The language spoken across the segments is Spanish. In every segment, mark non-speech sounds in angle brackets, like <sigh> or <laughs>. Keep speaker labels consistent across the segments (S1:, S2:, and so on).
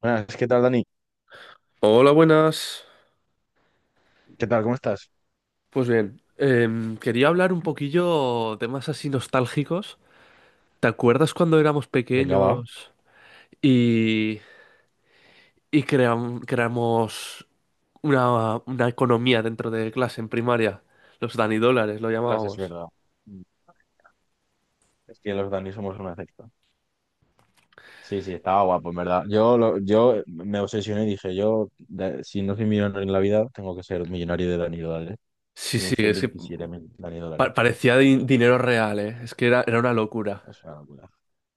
S1: Buenas, ¿qué tal, Dani?
S2: Hola, buenas.
S1: ¿Qué tal? ¿Cómo estás?
S2: Pues bien, quería hablar un poquillo temas así nostálgicos. ¿Te acuerdas cuando éramos
S1: Venga, va.
S2: pequeños y, y creamos una economía dentro de clase en primaria? Los danidólares lo
S1: Ostras, es
S2: llamábamos.
S1: verdad. Mm, Es que los Dani somos una secta. Sí, sí, estaba guapo, en verdad. Yo me obsesioné y dije, yo, si no soy millonario en la vida, tengo que ser millonario de Dani Dólares.
S2: Sí,
S1: Me
S2: sí,
S1: hice
S2: es que
S1: 27.000 Dani Dólares.
S2: parecía dinero real, ¿eh? Es que era una locura.
S1: Es una locura.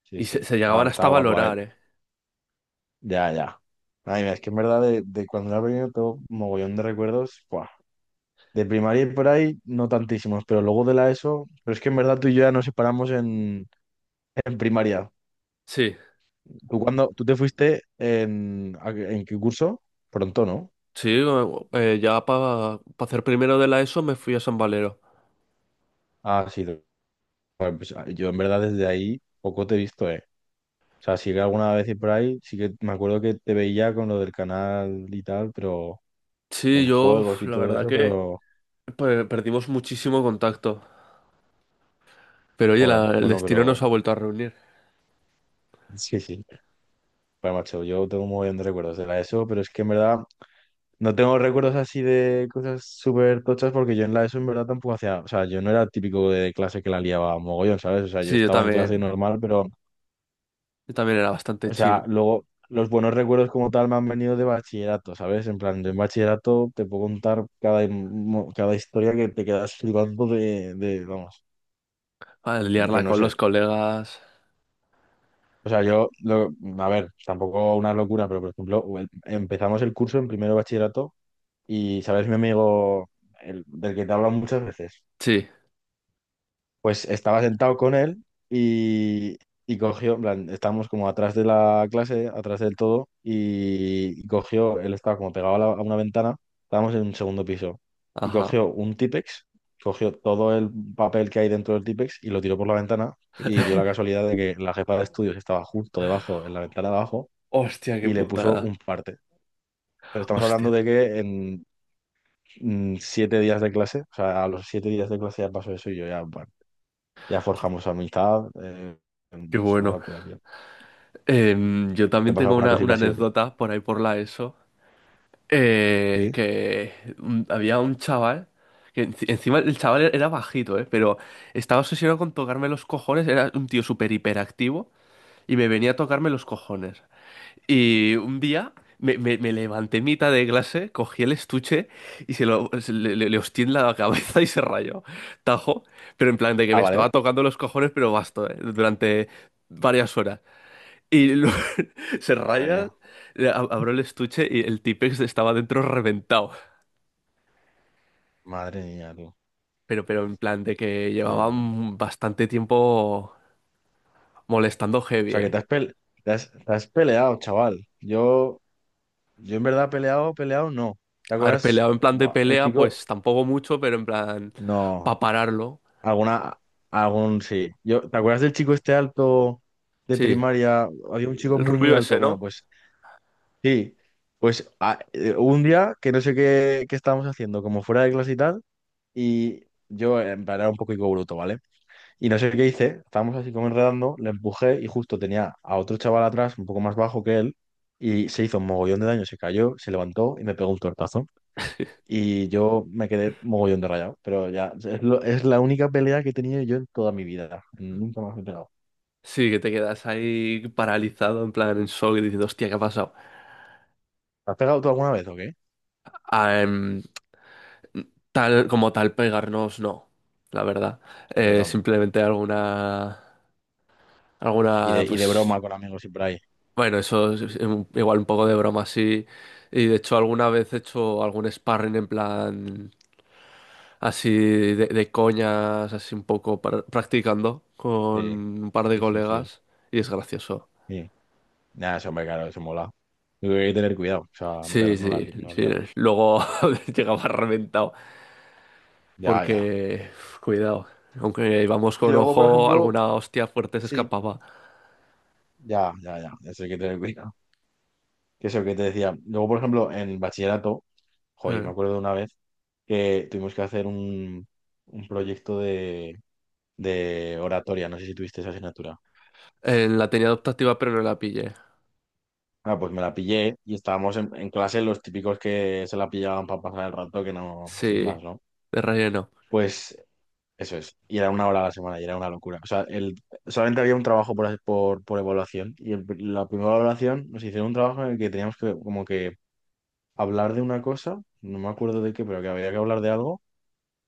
S1: Sí,
S2: Y
S1: sí.
S2: se
S1: Ah,
S2: llegaban hasta a
S1: estaba guapo, a ver.
S2: valorar, ¿eh?
S1: Ya, ya. Ay, mira, es que en verdad de cuando era pequeño tengo mogollón de recuerdos. Buah. De primaria y por ahí, no tantísimos, pero luego de la ESO, pero es que en verdad tú y yo ya nos separamos en primaria.
S2: Sí,
S1: ¿Tú cuando tú te fuiste en qué curso? Pronto, ¿no?
S2: sí, ya para hacer primero de la ESO me fui a San Valero.
S1: Ah, sí. Bueno, pues, yo en verdad desde ahí poco te he visto, ¿eh? O sea, sí que alguna vez por ahí, sí que me acuerdo que te veía con lo del canal y tal, pero
S2: Sí,
S1: con
S2: yo,
S1: juegos
S2: uf,
S1: y
S2: la
S1: todo
S2: verdad
S1: eso,
S2: que
S1: pero
S2: Perdimos muchísimo contacto, pero oye,
S1: joder,
S2: el
S1: bueno,
S2: destino nos
S1: pero
S2: ha vuelto a reunir.
S1: <laughs> sí, sí. Bueno, macho, yo tengo un montón de recuerdos de la ESO, pero es que en verdad no tengo recuerdos así de cosas súper tochas porque yo en la ESO en verdad tampoco hacía, o sea, yo no era el típico de clase que la liaba mogollón, ¿sabes? O sea, yo
S2: Sí,
S1: estaba en clase normal, pero.
S2: yo también era bastante
S1: O sea,
S2: chill.
S1: luego los buenos recuerdos como tal me han venido de bachillerato, ¿sabes? En plan, de en bachillerato te puedo contar cada historia que te quedas flipando de, vamos,
S2: Ah, liarla
S1: pero no
S2: con
S1: sé.
S2: los colegas.
S1: O sea, a ver, tampoco una locura, pero por ejemplo, empezamos el curso en primero de bachillerato y, ¿sabes? Mi amigo, del que te he hablado muchas veces.
S2: Sí,
S1: Pues estaba sentado con él y cogió, en plan, estábamos como atrás de la clase, atrás del todo, y, cogió, él estaba como pegado a una ventana, estábamos en un segundo piso, y
S2: ajá.
S1: cogió un Típex, cogió todo el papel que hay dentro del Típex y lo tiró por la ventana, y dio la casualidad de que la jefa de estudios estaba justo debajo, en la ventana de abajo,
S2: Hostia, qué
S1: y le puso
S2: putada.
S1: un parte. Pero estamos hablando
S2: Hostia,
S1: de que en 7 días de clase, o sea, a los 7 días de clase ya pasó eso y yo ya, bueno, ya forjamos amistad.
S2: qué
S1: Es una
S2: bueno.
S1: locura, tío.
S2: Yo
S1: ¿Te ha
S2: también
S1: pasado
S2: tengo
S1: alguna cosita
S2: una
S1: así
S2: anécdota por ahí por la ESO, eh,
S1: Sí.
S2: que había un chaval, que encima el chaval era bajito, pero estaba obsesionado con tocarme los cojones, era un tío súper hiperactivo y me venía a tocarme los cojones. Y un día me levanté en mitad de clase, cogí el estuche y se lo se le, le- le hostié en la cabeza y se rayó. Tajo, pero en plan de que
S1: Ah,
S2: me estaba
S1: vale.
S2: tocando los cojones, pero basto, durante varias horas. Y <laughs> se
S1: Madre
S2: raya,
S1: mía.
S2: le abro el estuche y el Tipex estaba dentro reventado.
S1: Madre mía, tú.
S2: Pero en plan de que
S1: Qué bueno. O
S2: llevaban bastante tiempo molestando heavy,
S1: sea, que
S2: eh.
S1: te has peleado, chaval. Yo en verdad peleado, peleado, no. ¿Te
S2: Haber
S1: acuerdas?
S2: peleado en plan de
S1: Buah, el
S2: pelea,
S1: chico.
S2: pues tampoco mucho, pero en plan
S1: No.
S2: para pararlo.
S1: Alguna. Algún sí. Yo, ¿te acuerdas del chico este alto de
S2: Sí.
S1: primaria? Había un chico
S2: El
S1: muy, muy
S2: rubio
S1: alto.
S2: ese,
S1: Bueno,
S2: ¿no?
S1: pues sí. Pues hubo un día que no sé qué estábamos haciendo, como fuera de clase y tal. Y yo, en plan, era un poco higo bruto, ¿vale? Y no sé qué hice, estábamos así como enredando, le empujé y justo tenía a otro chaval atrás, un poco más bajo que él, y se hizo un mogollón de daño, se cayó, se levantó y me pegó un tortazo. Y yo me quedé mogollón de rayado, pero ya, es la única pelea que he tenido yo en toda mi vida. Nunca más me he pegado.
S2: Sí, que te quedas ahí paralizado en plan en shock y diciendo, hostia, ¿qué ha pasado?
S1: ¿Te has pegado tú alguna vez o qué?
S2: Ah, tal como tal pegarnos, no, la verdad.
S1: Yo tampoco.
S2: Simplemente alguna,
S1: Y
S2: alguna,
S1: de, y de
S2: pues,
S1: broma con amigos y por ahí.
S2: bueno, eso es igual un poco de broma así. Y de hecho alguna vez he hecho algún sparring en plan así de coñas, así un poco practicando con
S1: Sí,
S2: un par de
S1: sí, sí, sí.
S2: colegas y es gracioso.
S1: Sí. Nada, eso, hombre, claro, eso mola. Yo creo que hay que tener cuidado, o sea, pero
S2: Sí,
S1: no la,
S2: sí,
S1: li- no
S2: sí.
S1: liarla.
S2: Luego <laughs> llegaba reventado,
S1: Ya, ya.
S2: porque uf, cuidado, aunque íbamos
S1: Y
S2: con
S1: luego, por
S2: ojo,
S1: ejemplo,
S2: alguna hostia fuerte se
S1: sí,
S2: escapaba.
S1: ya, ya, ya, es el que te cuidado. Que es el que te decía. Luego, por ejemplo, en el bachillerato, jo, yo me
S2: Eh,
S1: acuerdo de una vez que tuvimos que hacer un proyecto de oratoria. No sé si tuviste esa asignatura.
S2: la tenía adoptativa, pero no la pillé.
S1: Ah, pues me la pillé y estábamos en, clase los típicos que se la pillaban para pasar el rato, que no, sin
S2: Sí,
S1: más, ¿no?
S2: de relleno.
S1: Pues eso es. Y era una hora a la semana y era una locura. O sea, solamente había un trabajo por evaluación y la primera evaluación nos hicieron un trabajo en el que teníamos que como que hablar de una cosa, no me acuerdo de qué, pero que había que hablar de algo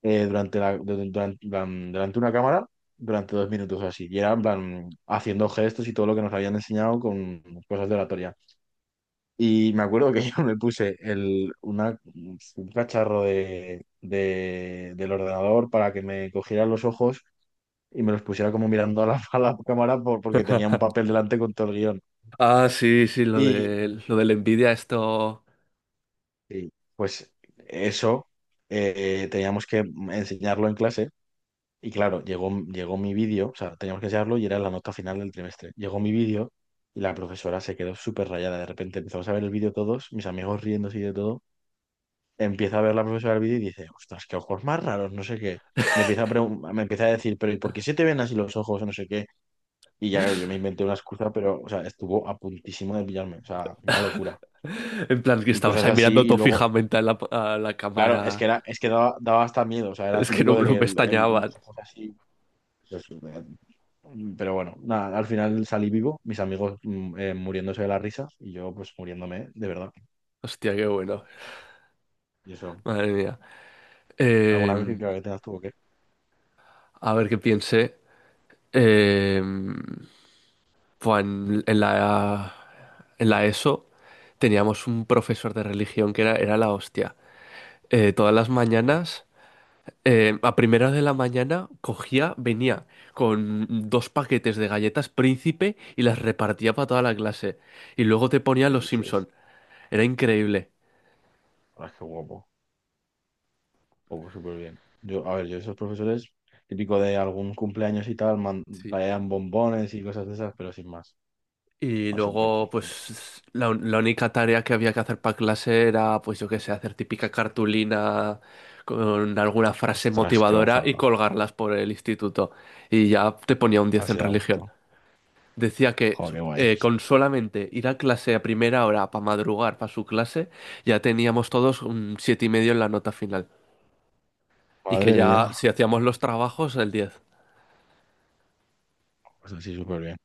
S1: eh, durante la, du- durante en plan, delante de una cámara durante 2 minutos o así. Y era en plan, haciendo gestos y todo lo que nos habían enseñado con cosas de oratoria. Y me acuerdo que <laughs> yo me puse un cacharro del ordenador para que me cogieran los ojos y me los pusiera como mirando a la, <laughs> a la cámara porque tenía un papel delante con todo el guión.
S2: Ah, sí, sí,
S1: Y,
S2: lo de la envidia, esto.
S1: pues eso, teníamos que enseñarlo en clase. Y claro, llegó mi vídeo, o sea, teníamos que enseñarlo y era la nota final del trimestre. Llegó mi vídeo y la profesora se quedó súper rayada. De repente empezamos a ver el vídeo todos, mis amigos riéndose y de todo. Empieza a ver la profesora el vídeo y dice, ostras, qué ojos más raros, no sé qué. Me empieza a decir, pero ¿y por qué se te ven así los ojos? O no sé qué. Y ya, claro, yo me inventé una excusa, pero, o sea, estuvo a puntísimo de pillarme, o sea, una locura.
S2: <laughs> En plan, que
S1: Y
S2: estabas
S1: cosas
S2: ahí
S1: así,
S2: mirando
S1: y
S2: todo
S1: luego,
S2: fijamente a a la
S1: claro, es
S2: cámara.
S1: que, era, es que daba hasta miedo, o sea, era
S2: Es que no,
S1: típico de
S2: no
S1: que
S2: me extrañaban.
S1: los ojos así. Yo sí me-. Pero bueno, nada, al final salí vivo, mis amigos muriéndose de la risa y yo pues muriéndome de verdad.
S2: Hostia, qué bueno.
S1: Y eso,
S2: Madre mía.
S1: alguna
S2: Eh,
S1: crítica que tengas tuvo
S2: a ver qué piense. Eh, Pues en en la ESO teníamos un profesor de religión que era la hostia. Todas las
S1: que
S2: mañanas, a primera de la mañana, cogía, venía con dos paquetes de galletas Príncipe y las repartía para toda la clase. Y luego te ponía
S1: que
S2: Los
S1: dices,
S2: Simpson. Era increíble.
S1: ah, qué guapo, guapo, súper bien. Yo, a ver, yo esos profesores, típico de algún cumpleaños y tal,
S2: Sí.
S1: traían bombones y cosas de esas, pero sin más.
S2: Y
S1: Ah, súper,
S2: luego,
S1: súper
S2: pues, la única tarea que había que hacer para clase era, pues, yo qué sé, hacer típica cartulina con alguna
S1: guay.
S2: frase
S1: Ostras, qué
S2: motivadora y
S1: gozada.
S2: colgarlas por el instituto. Y ya te ponía un 10
S1: Así
S2: en
S1: da
S2: religión.
S1: gusto.
S2: Decía que
S1: Joder, qué guay.
S2: con solamente ir a clase a primera hora para madrugar para su clase, ya teníamos todos un 7,5 en la nota final. Y que
S1: Madre
S2: ya,
S1: mía,
S2: si hacíamos los trabajos, el 10.
S1: pues así súper bien.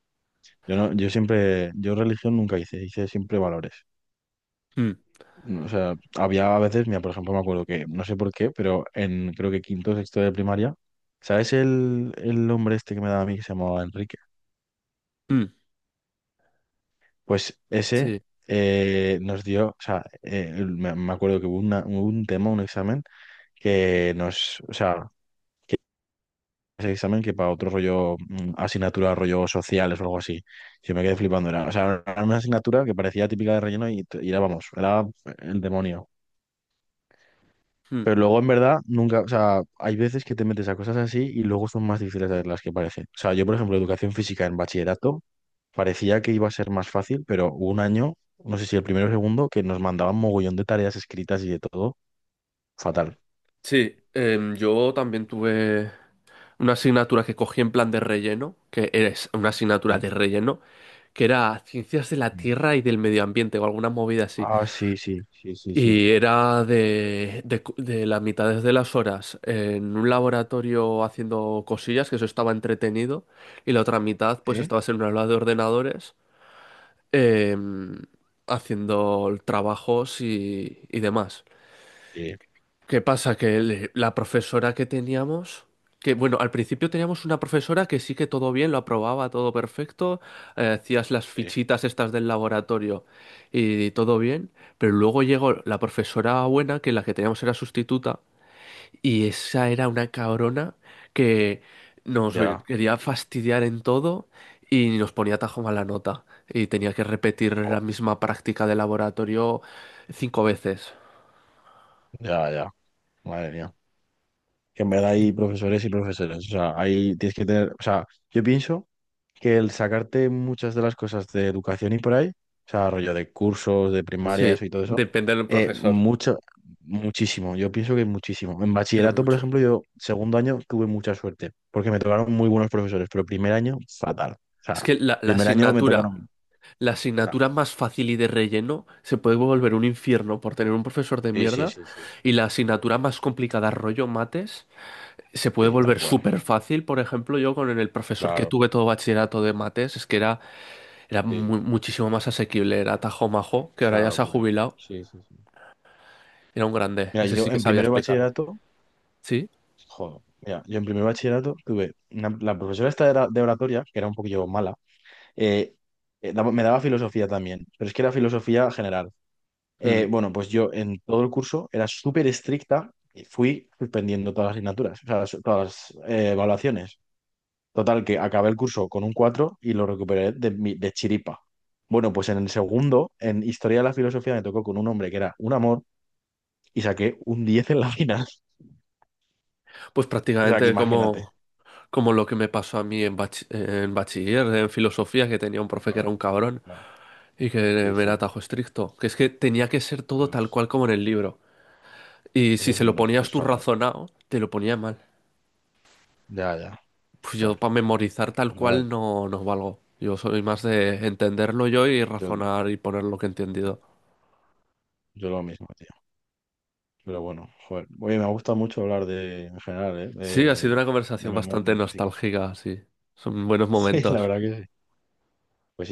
S1: Yo no, yo siempre, yo religión nunca hice siempre valores.
S2: Mm,
S1: O sea, había a veces, mira, por ejemplo, me acuerdo que, no sé por qué, pero en creo que quinto o sexto de primaria, ¿sabes el hombre este que me daba a mí que se llamaba Enrique?
S2: mm,
S1: Pues ese
S2: sí,
S1: nos dio, o sea, me acuerdo que hubo un tema, un examen que nos, o sea, que ese examen que para otro rollo, asignatura, rollo sociales o algo así, yo me quedé flipando, era, o sea, era una asignatura que parecía típica de relleno y era, vamos, era el demonio.
S2: mm,
S1: Pero luego en verdad nunca, o sea, hay veces que te metes a cosas así y luego son más difíciles de las que parecen. O sea, yo por ejemplo, educación física en bachillerato parecía que iba a ser más fácil, pero hubo un año, no sé si el primero o segundo, que nos mandaban mogollón de tareas escritas y de todo, fatal.
S2: sí. Yo también tuve una asignatura que cogí en plan de relleno, que es una asignatura
S1: Sí.
S2: de relleno, que era Ciencias de la
S1: Mm.
S2: Tierra y del Medio Ambiente o alguna movida así.
S1: Ah, sí, sí, sí, sí, sí.
S2: Y era de las mitades de las horas en un laboratorio haciendo cosillas, que eso estaba entretenido, y la otra mitad pues
S1: ¿Eh?
S2: estabas en una aula de ordenadores em, haciendo trabajos y demás.
S1: Sí,
S2: ¿Qué pasa? Que la profesora que teníamos, que bueno, al principio teníamos una profesora que sí que todo bien, lo aprobaba, todo perfecto, hacías las
S1: sí,
S2: fichitas estas del laboratorio y todo bien, pero luego llegó la profesora buena, que la que teníamos era sustituta, y esa era una cabrona que
S1: ya,
S2: quería fastidiar en todo y nos ponía tajo mala nota, y tenía que repetir
S1: jo,
S2: la misma práctica de laboratorio 5 veces.
S1: ya, ya, madre mía. Que en verdad hay profesores y profesores, o sea, ahí tienes que tener, o sea, yo pienso... Que el sacarte muchas de las cosas de educación y por ahí, o sea, rollo de cursos, de primaria,
S2: Sí,
S1: eso y todo eso,
S2: depende del profesor,
S1: mucho, muchísimo, yo pienso que muchísimo. En
S2: pero
S1: bachillerato, por
S2: mucho.
S1: ejemplo, yo segundo año tuve mucha suerte, porque me tocaron muy buenos profesores, pero primer año, fatal. O
S2: Es
S1: sea,
S2: que
S1: primer año me tocaron...
S2: la
S1: ah,
S2: asignatura más fácil y de relleno se puede volver un infierno por tener un profesor de
S1: Sí, sí,
S2: mierda
S1: sí, sí,
S2: y la asignatura más complicada, rollo mates, se puede
S1: sí, tal
S2: volver
S1: cual,
S2: súper fácil. Por ejemplo, yo con el profesor que
S1: claro,
S2: tuve todo bachillerato de mates, es que era, era
S1: sí,
S2: muchísimo más asequible, era Tajo Majo, que
S1: es
S2: ahora
S1: una
S2: ya se ha
S1: locura.
S2: jubilado,
S1: Sí, sí, sí.
S2: era un grande,
S1: Mira,
S2: ese
S1: yo
S2: sí que
S1: en
S2: sabía
S1: primero de
S2: explicar.
S1: bachillerato,
S2: ¿Sí?
S1: joder, mira, yo en primero de bachillerato tuve la profesora esta de oratoria, que era un poquillo mala. Eh, Me daba filosofía también, pero es que era filosofía general.
S2: Mm.
S1: Bueno, pues yo en todo el curso era súper estricta y fui suspendiendo todas las asignaturas, o sea, todas las evaluaciones. Total, que acabé el curso con un 4 y lo recuperé de chiripa. Bueno, pues en el segundo, en Historia de la Filosofía, me tocó con un hombre que era un amor y saqué un 10 en la final. <laughs>
S2: Pues
S1: O sea, que
S2: prácticamente
S1: imagínate.
S2: como... Como lo que me pasó a mí en, en bachiller, en filosofía, que tenía un profe que era
S1: Claro,
S2: un cabrón
S1: claro.
S2: y que
S1: Sí,
S2: me era
S1: sí.
S2: tajo estricto. Que es que tenía que ser todo
S1: Eso
S2: tal
S1: es,
S2: cual como en el libro. Y si se lo ponías
S1: es
S2: tú
S1: fatal.
S2: razonado, te lo ponía mal.
S1: Ya, ya.
S2: Pues yo
S1: Joder,
S2: para memorizar tal
S1: pues nada,
S2: cual no, no valgo. Yo soy más de entenderlo yo y
S1: yo
S2: razonar y poner lo que he entendido.
S1: Yo lo mismo, tío. Pero bueno, joder. Oye, me gusta mucho hablar de, en general, ¿eh?
S2: Sí, ha sido
S1: De,
S2: una
S1: de
S2: conversación
S1: memoria,
S2: bastante
S1: de músicos. <laughs>
S2: nostálgica, sí. Son buenos
S1: Sí, la
S2: momentos.
S1: verdad que sí. Pues